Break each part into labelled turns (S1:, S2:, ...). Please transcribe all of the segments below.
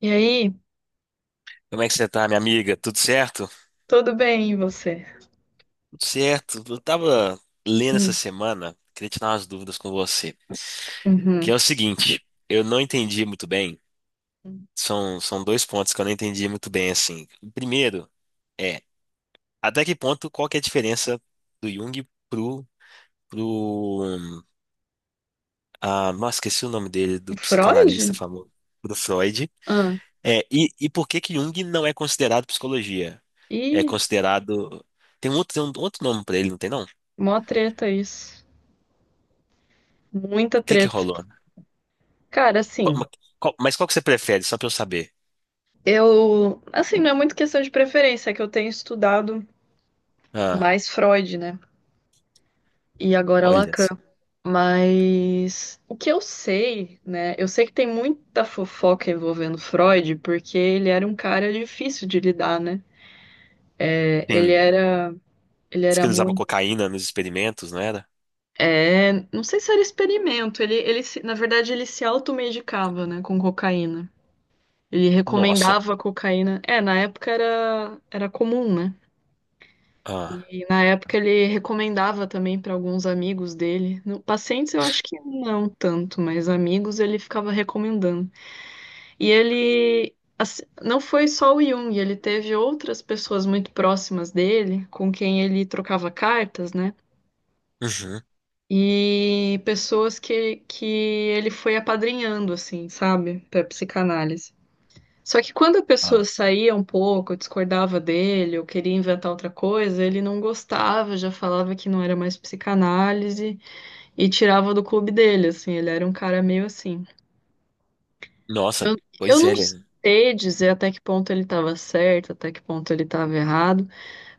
S1: E aí,
S2: Como é que você tá, minha amiga? Tudo certo?
S1: tudo bem, e você?
S2: Tudo certo. Eu tava lendo essa
S1: Hum.
S2: semana, queria tirar umas dúvidas com você. Que
S1: Uhum.
S2: é o seguinte, eu não entendi muito bem. São dois pontos que eu não entendi muito bem, assim. O primeiro é, até que ponto, qual que é a diferença do Jung pro... Ah, nossa, esqueci o nome dele, do psicanalista
S1: Freud?
S2: famoso, pro Freud.
S1: Ah,
S2: E por que que Jung não é considerado psicologia? É
S1: ih,
S2: considerado... Tem um outro nome pra ele, não tem não? O
S1: mó treta isso. Muita
S2: que que
S1: treta.
S2: rolou?
S1: Cara,
S2: Qual-
S1: assim,
S2: ma- qual que você prefere, só pra eu saber?
S1: eu. Assim, não é muito questão de preferência, é que eu tenho estudado
S2: Ah,
S1: mais Freud, né? E agora
S2: olha.
S1: Lacan. Mas o que eu sei, né? Eu sei que tem muita fofoca envolvendo Freud, porque ele era um cara difícil de lidar, né? É, ele
S2: Sim.
S1: era. Ele
S2: Diz que
S1: era
S2: ele usava
S1: muito.
S2: cocaína nos experimentos, não era?
S1: É, não sei se era experimento. Ele, na verdade, ele se automedicava, né, com cocaína. Ele
S2: Nossa.
S1: recomendava cocaína. É, na época era comum, né?
S2: Ah.
S1: E na época ele recomendava também para alguns amigos dele. Pacientes eu acho que não tanto, mas amigos ele ficava recomendando. E ele assim, não foi só o Jung, ele teve outras pessoas muito próximas dele, com quem ele trocava cartas, né?
S2: Uhum.
S1: E pessoas que ele foi apadrinhando, assim, sabe? Para psicanálise. Só que quando a pessoa
S2: Ah.
S1: saía um pouco, discordava dele, ou queria inventar outra coisa, ele não gostava, já falava que não era mais psicanálise e tirava do clube dele, assim. Ele era um cara meio assim.
S2: Nossa,
S1: Eu
S2: pois é.
S1: não sei dizer até que ponto ele estava certo, até que ponto ele estava errado.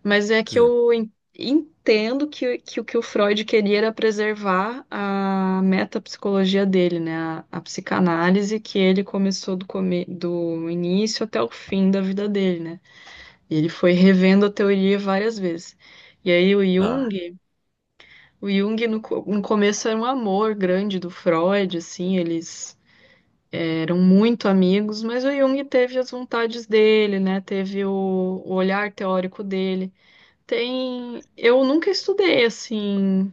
S1: Mas é que
S2: Hum.
S1: entendo que o Freud queria era preservar a metapsicologia dele, né? A psicanálise que ele começou do início até o fim da vida dele, né? E ele foi revendo a teoria várias vezes. E aí o
S2: Ah.
S1: Jung, no começo era um amor grande do Freud, assim, eles eram muito amigos, mas o Jung teve as vontades dele, né? Teve o olhar teórico dele. Tem. Eu nunca estudei assim,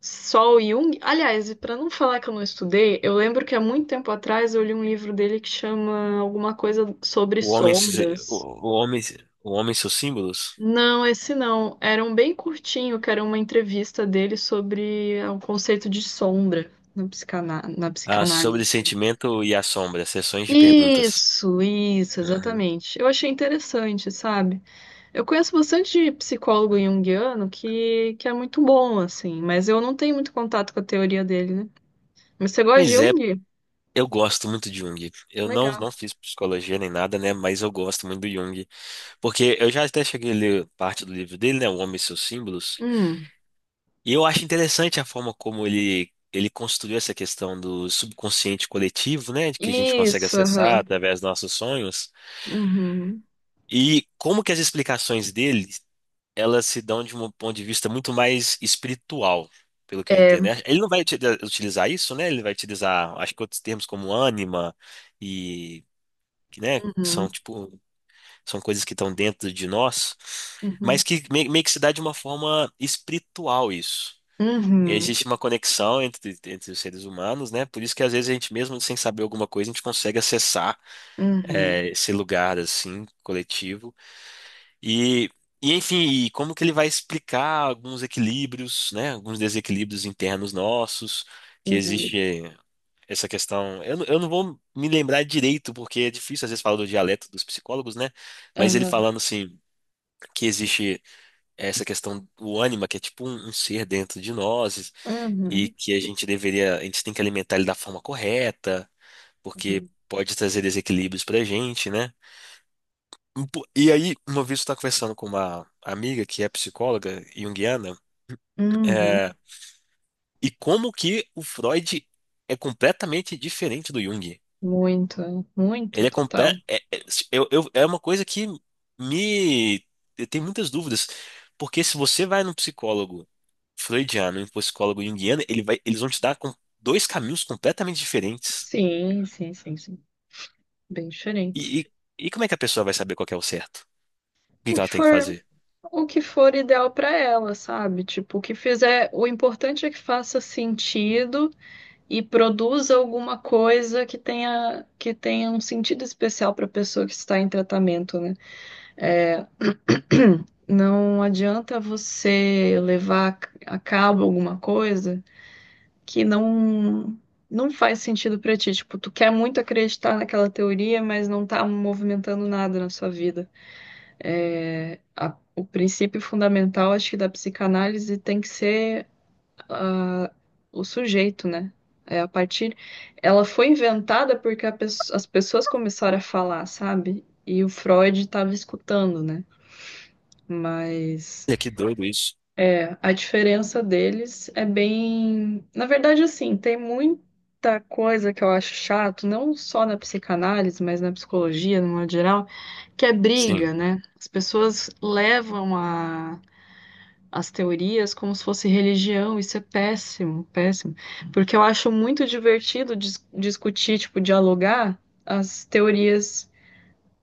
S1: só o Jung. Aliás, para não falar que eu não estudei, eu lembro que há muito tempo atrás eu li um livro dele que chama alguma coisa sobre
S2: O homem, se-
S1: sombras.
S2: o homem e seus símbolos?
S1: Não, esse não. Era um bem curtinho, que era uma entrevista dele sobre o conceito de sombra na
S2: Ah, sobre
S1: psicanálise.
S2: sentimento e a sombra, sessões de perguntas.
S1: Isso,
S2: Uhum.
S1: exatamente. Eu achei interessante, sabe? Eu conheço bastante psicólogo junguiano que é muito bom, assim, mas eu não tenho muito contato com a teoria dele, né? Mas você gosta de
S2: Pois é,
S1: Jung?
S2: eu gosto muito de Jung. Eu não,
S1: Legal.
S2: não fiz psicologia nem nada, né? Mas eu gosto muito do Jung. Porque eu já até cheguei a ler parte do livro dele, né? O Homem e seus símbolos.
S1: Hum,
S2: E eu acho interessante a forma como ele construiu essa questão do subconsciente coletivo, né? De que a gente consegue
S1: isso,
S2: acessar
S1: aham.
S2: através dos nossos sonhos.
S1: Uhum.
S2: E como que as explicações dele, elas se dão de um ponto de vista muito mais espiritual, pelo que eu
S1: É,
S2: entendo, né? Ele não vai uti- utilizar isso, né? Ele vai utilizar, acho que outros termos como ânima e, né? Que são,
S1: uhum,
S2: tipo, são coisas que estão dentro de nós.
S1: uhum,
S2: Meio que se dá de uma forma espiritual isso.
S1: uhum,
S2: Existe uma conexão entre os seres humanos, né? Por isso que às vezes a gente, mesmo sem saber alguma coisa, a gente consegue acessar
S1: uhum,
S2: esse lugar, assim, coletivo. E, e enfim, como que ele vai explicar alguns equilíbrios, né? Alguns desequilíbrios internos nossos, que
S1: uhum,
S2: existe essa questão. Eu não vou me lembrar direito, porque é difícil às vezes falar do dialeto dos psicólogos, né? Mas ele
S1: aham,
S2: falando assim. Que existe essa questão do ânima, que é tipo um ser dentro de nós, e
S1: uhum,
S2: que a gente tem que alimentar ele da forma correta, porque
S1: uhum,
S2: pode trazer desequilíbrios pra gente, né? E aí, uma vez eu estava conversando com uma amiga que é psicóloga junguiana,
S1: uhum.
S2: é, e como que o Freud é completamente diferente do Jung.
S1: Muito, muito,
S2: Ele é, comple... é,
S1: total.
S2: é, eu- É uma coisa que me. Eu tenho muitas dúvidas, porque se você vai num psicólogo freudiano e um psicólogo junguiano, eles vão te dar dois caminhos completamente diferentes.
S1: Sim, sim, sim, sim. Bem diferentes.
S2: E, e- e como é que a pessoa vai saber qual que é o certo? O que
S1: O
S2: que
S1: que
S2: ela tem que
S1: for
S2: fazer?
S1: o que for ideal para ela, sabe? Tipo, o que fizer, o importante é que faça sentido e produza alguma coisa que tenha um sentido especial para a pessoa que está em tratamento, né? É, não adianta você levar a cabo alguma coisa que não faz sentido para ti. Tipo, tu quer muito acreditar naquela teoria, mas não tá movimentando nada na sua vida. É, o princípio fundamental, acho que, da psicanálise tem que ser ah, o sujeito, né? É a partir. Ela foi inventada porque as pessoas começaram a falar, sabe? E o Freud estava escutando, né? Mas.
S2: Olha, que doido isso.
S1: É, a diferença deles é bem. Na verdade, assim, tem muita coisa que eu acho chato, não só na psicanálise, mas na psicologia, no modo geral, que é
S2: Sim.
S1: briga, né? As pessoas levam as teorias como se fosse religião, isso é péssimo, péssimo. Porque eu acho muito divertido discutir, tipo, dialogar as teorias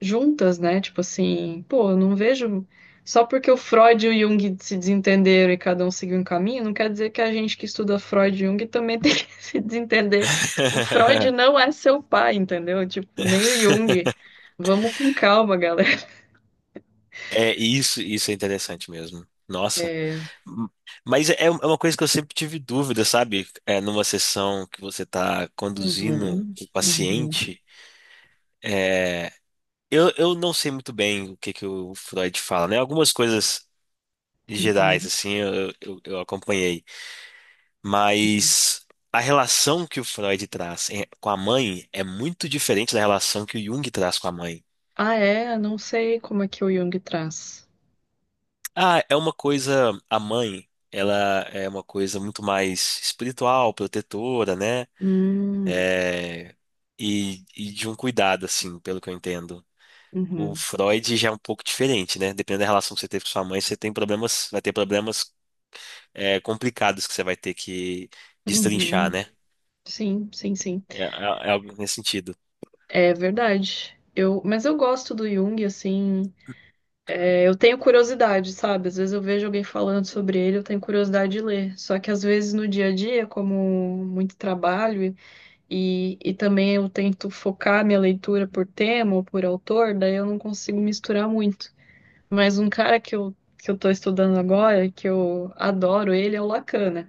S1: juntas, né? Tipo assim, pô, eu não vejo. Só porque o Freud e o Jung se desentenderam e cada um seguiu um caminho, não quer dizer que a gente que estuda Freud e Jung também tem que se desentender. O Freud não é seu pai, entendeu? Tipo, nem o Jung. Vamos com calma, galera.
S2: É, isso é interessante mesmo. Nossa.
S1: É.
S2: M- Mas é uma coisa que eu sempre tive dúvida, sabe? É, numa sessão que você está conduzindo
S1: Uhum,
S2: o
S1: uhum,
S2: paciente, é, eu não sei muito bem o que que o Freud fala, né? Algumas coisas gerais,
S1: uhum,
S2: assim, eu acompanhei.
S1: uhum.
S2: Mas a relação que o Freud com a mãe é muito diferente da relação que o Jung traz com a mãe.
S1: Ah, é? Eu não sei como é que o Jung traz.
S2: Ah, é uma coisa, a mãe, ela é uma coisa muito mais espiritual, protetora, né?
S1: Hum,
S2: E de um cuidado, assim, pelo que eu entendo. O
S1: uhum,
S2: Freud já é um pouco diferente, né? Dependendo da relação que você teve com sua mãe, vai ter problemas, é, complicados que você vai ter que destrinchar,
S1: uhum.
S2: né?
S1: Sim, sim, sim.
S2: É, é É algo nesse sentido.
S1: É verdade. Mas eu gosto do Jung, assim, é, eu tenho curiosidade, sabe? Às vezes eu vejo alguém falando sobre ele, eu tenho curiosidade de ler. Só que às vezes no dia a dia, como muito trabalho e também eu tento focar minha leitura por tema ou por autor, daí eu não consigo misturar muito. Mas um cara que eu tô estudando agora, que eu adoro ele, é o Lacan, né?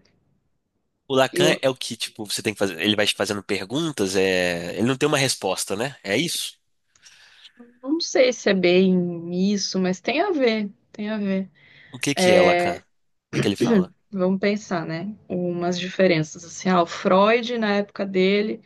S2: O Lacan
S1: Eu
S2: é o que, tipo, você tem que fazer. Ele vai te fazendo perguntas, é... ele não tem uma resposta, né? É isso?
S1: não sei se é bem isso, mas tem a ver, tem a ver.
S2: O que que é o Lacan?
S1: É,
S2: O que que ele fala?
S1: vamos pensar, né? Umas diferenças. Assim, o Freud, na época dele,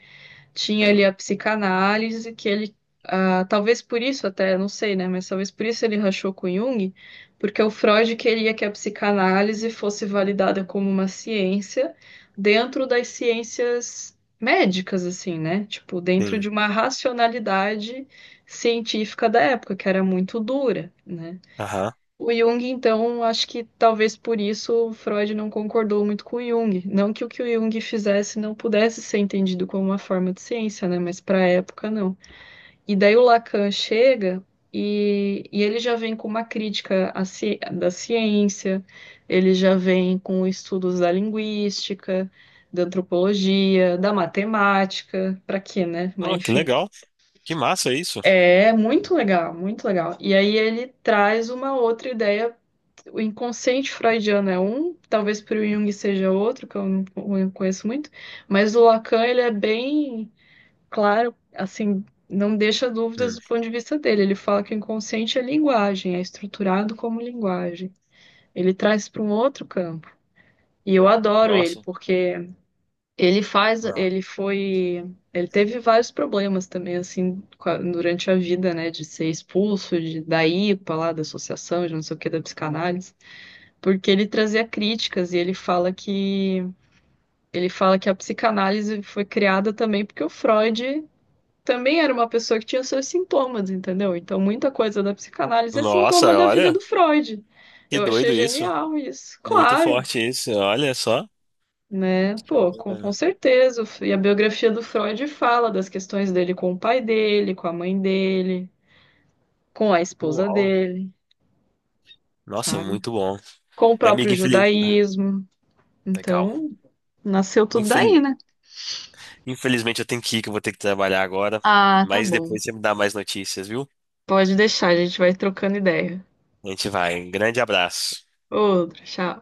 S1: tinha ali a psicanálise, que ele, talvez por isso até, não sei, né? Mas talvez por isso ele rachou com Jung, porque o Freud queria que a psicanálise fosse validada como uma ciência dentro das ciências médicas, assim, né? Tipo, dentro de
S2: Sim.
S1: uma racionalidade científica da época, que era muito dura, né?
S2: Aham.
S1: O Jung, então, acho que talvez por isso o Freud não concordou muito com o Jung. Não que o que o Jung fizesse não pudesse ser entendido como uma forma de ciência, né? Mas para a época, não. E daí o Lacan chega e ele já vem com uma crítica da ciência, ele já vem com estudos da linguística, da antropologia, da matemática. Para quê, né? Mas
S2: Oh, que
S1: enfim.
S2: legal. Que massa isso.
S1: É muito legal, muito legal. E aí ele traz uma outra ideia. O inconsciente freudiano é um, talvez para o Jung seja outro, que eu não eu conheço muito, mas o Lacan ele é bem claro, assim, não deixa dúvidas
S2: Hum.
S1: do ponto de vista dele. Ele fala que o inconsciente é linguagem, é estruturado como linguagem. Ele traz para um outro campo. E eu adoro ele,
S2: Nossa.
S1: porque ele faz,
S2: Ah.
S1: ele foi, ele teve vários problemas também, assim, durante a vida, né, de ser expulso da IPA lá, da associação, de não sei o que, da psicanálise, porque ele trazia críticas e ele fala que a psicanálise foi criada também porque o Freud também era uma pessoa que tinha seus sintomas, entendeu? Então muita coisa da psicanálise é sintoma
S2: Nossa,
S1: da vida
S2: olha,
S1: do Freud.
S2: que
S1: Eu achei
S2: doido isso.
S1: genial isso.
S2: Muito
S1: Claro,
S2: forte isso, olha só.
S1: né? Pô, com
S2: Hum.
S1: certeza. E a biografia do Freud fala das questões dele com o pai dele, com a mãe dele, com a esposa
S2: Uau.
S1: dele,
S2: Nossa,
S1: sabe?
S2: muito bom.
S1: Com o
S2: E, amiga,
S1: próprio
S2: Ah,
S1: judaísmo.
S2: Legal.
S1: Então, nasceu tudo daí,
S2: Infel-
S1: né?
S2: Infelizmente eu tenho que ir, que eu vou ter que trabalhar agora.
S1: Ah, tá
S2: Mas
S1: bom.
S2: depois você me dá mais notícias, viu?
S1: Pode deixar, a gente vai trocando ideia.
S2: A gente vai. Um grande abraço.
S1: Outro, tchau.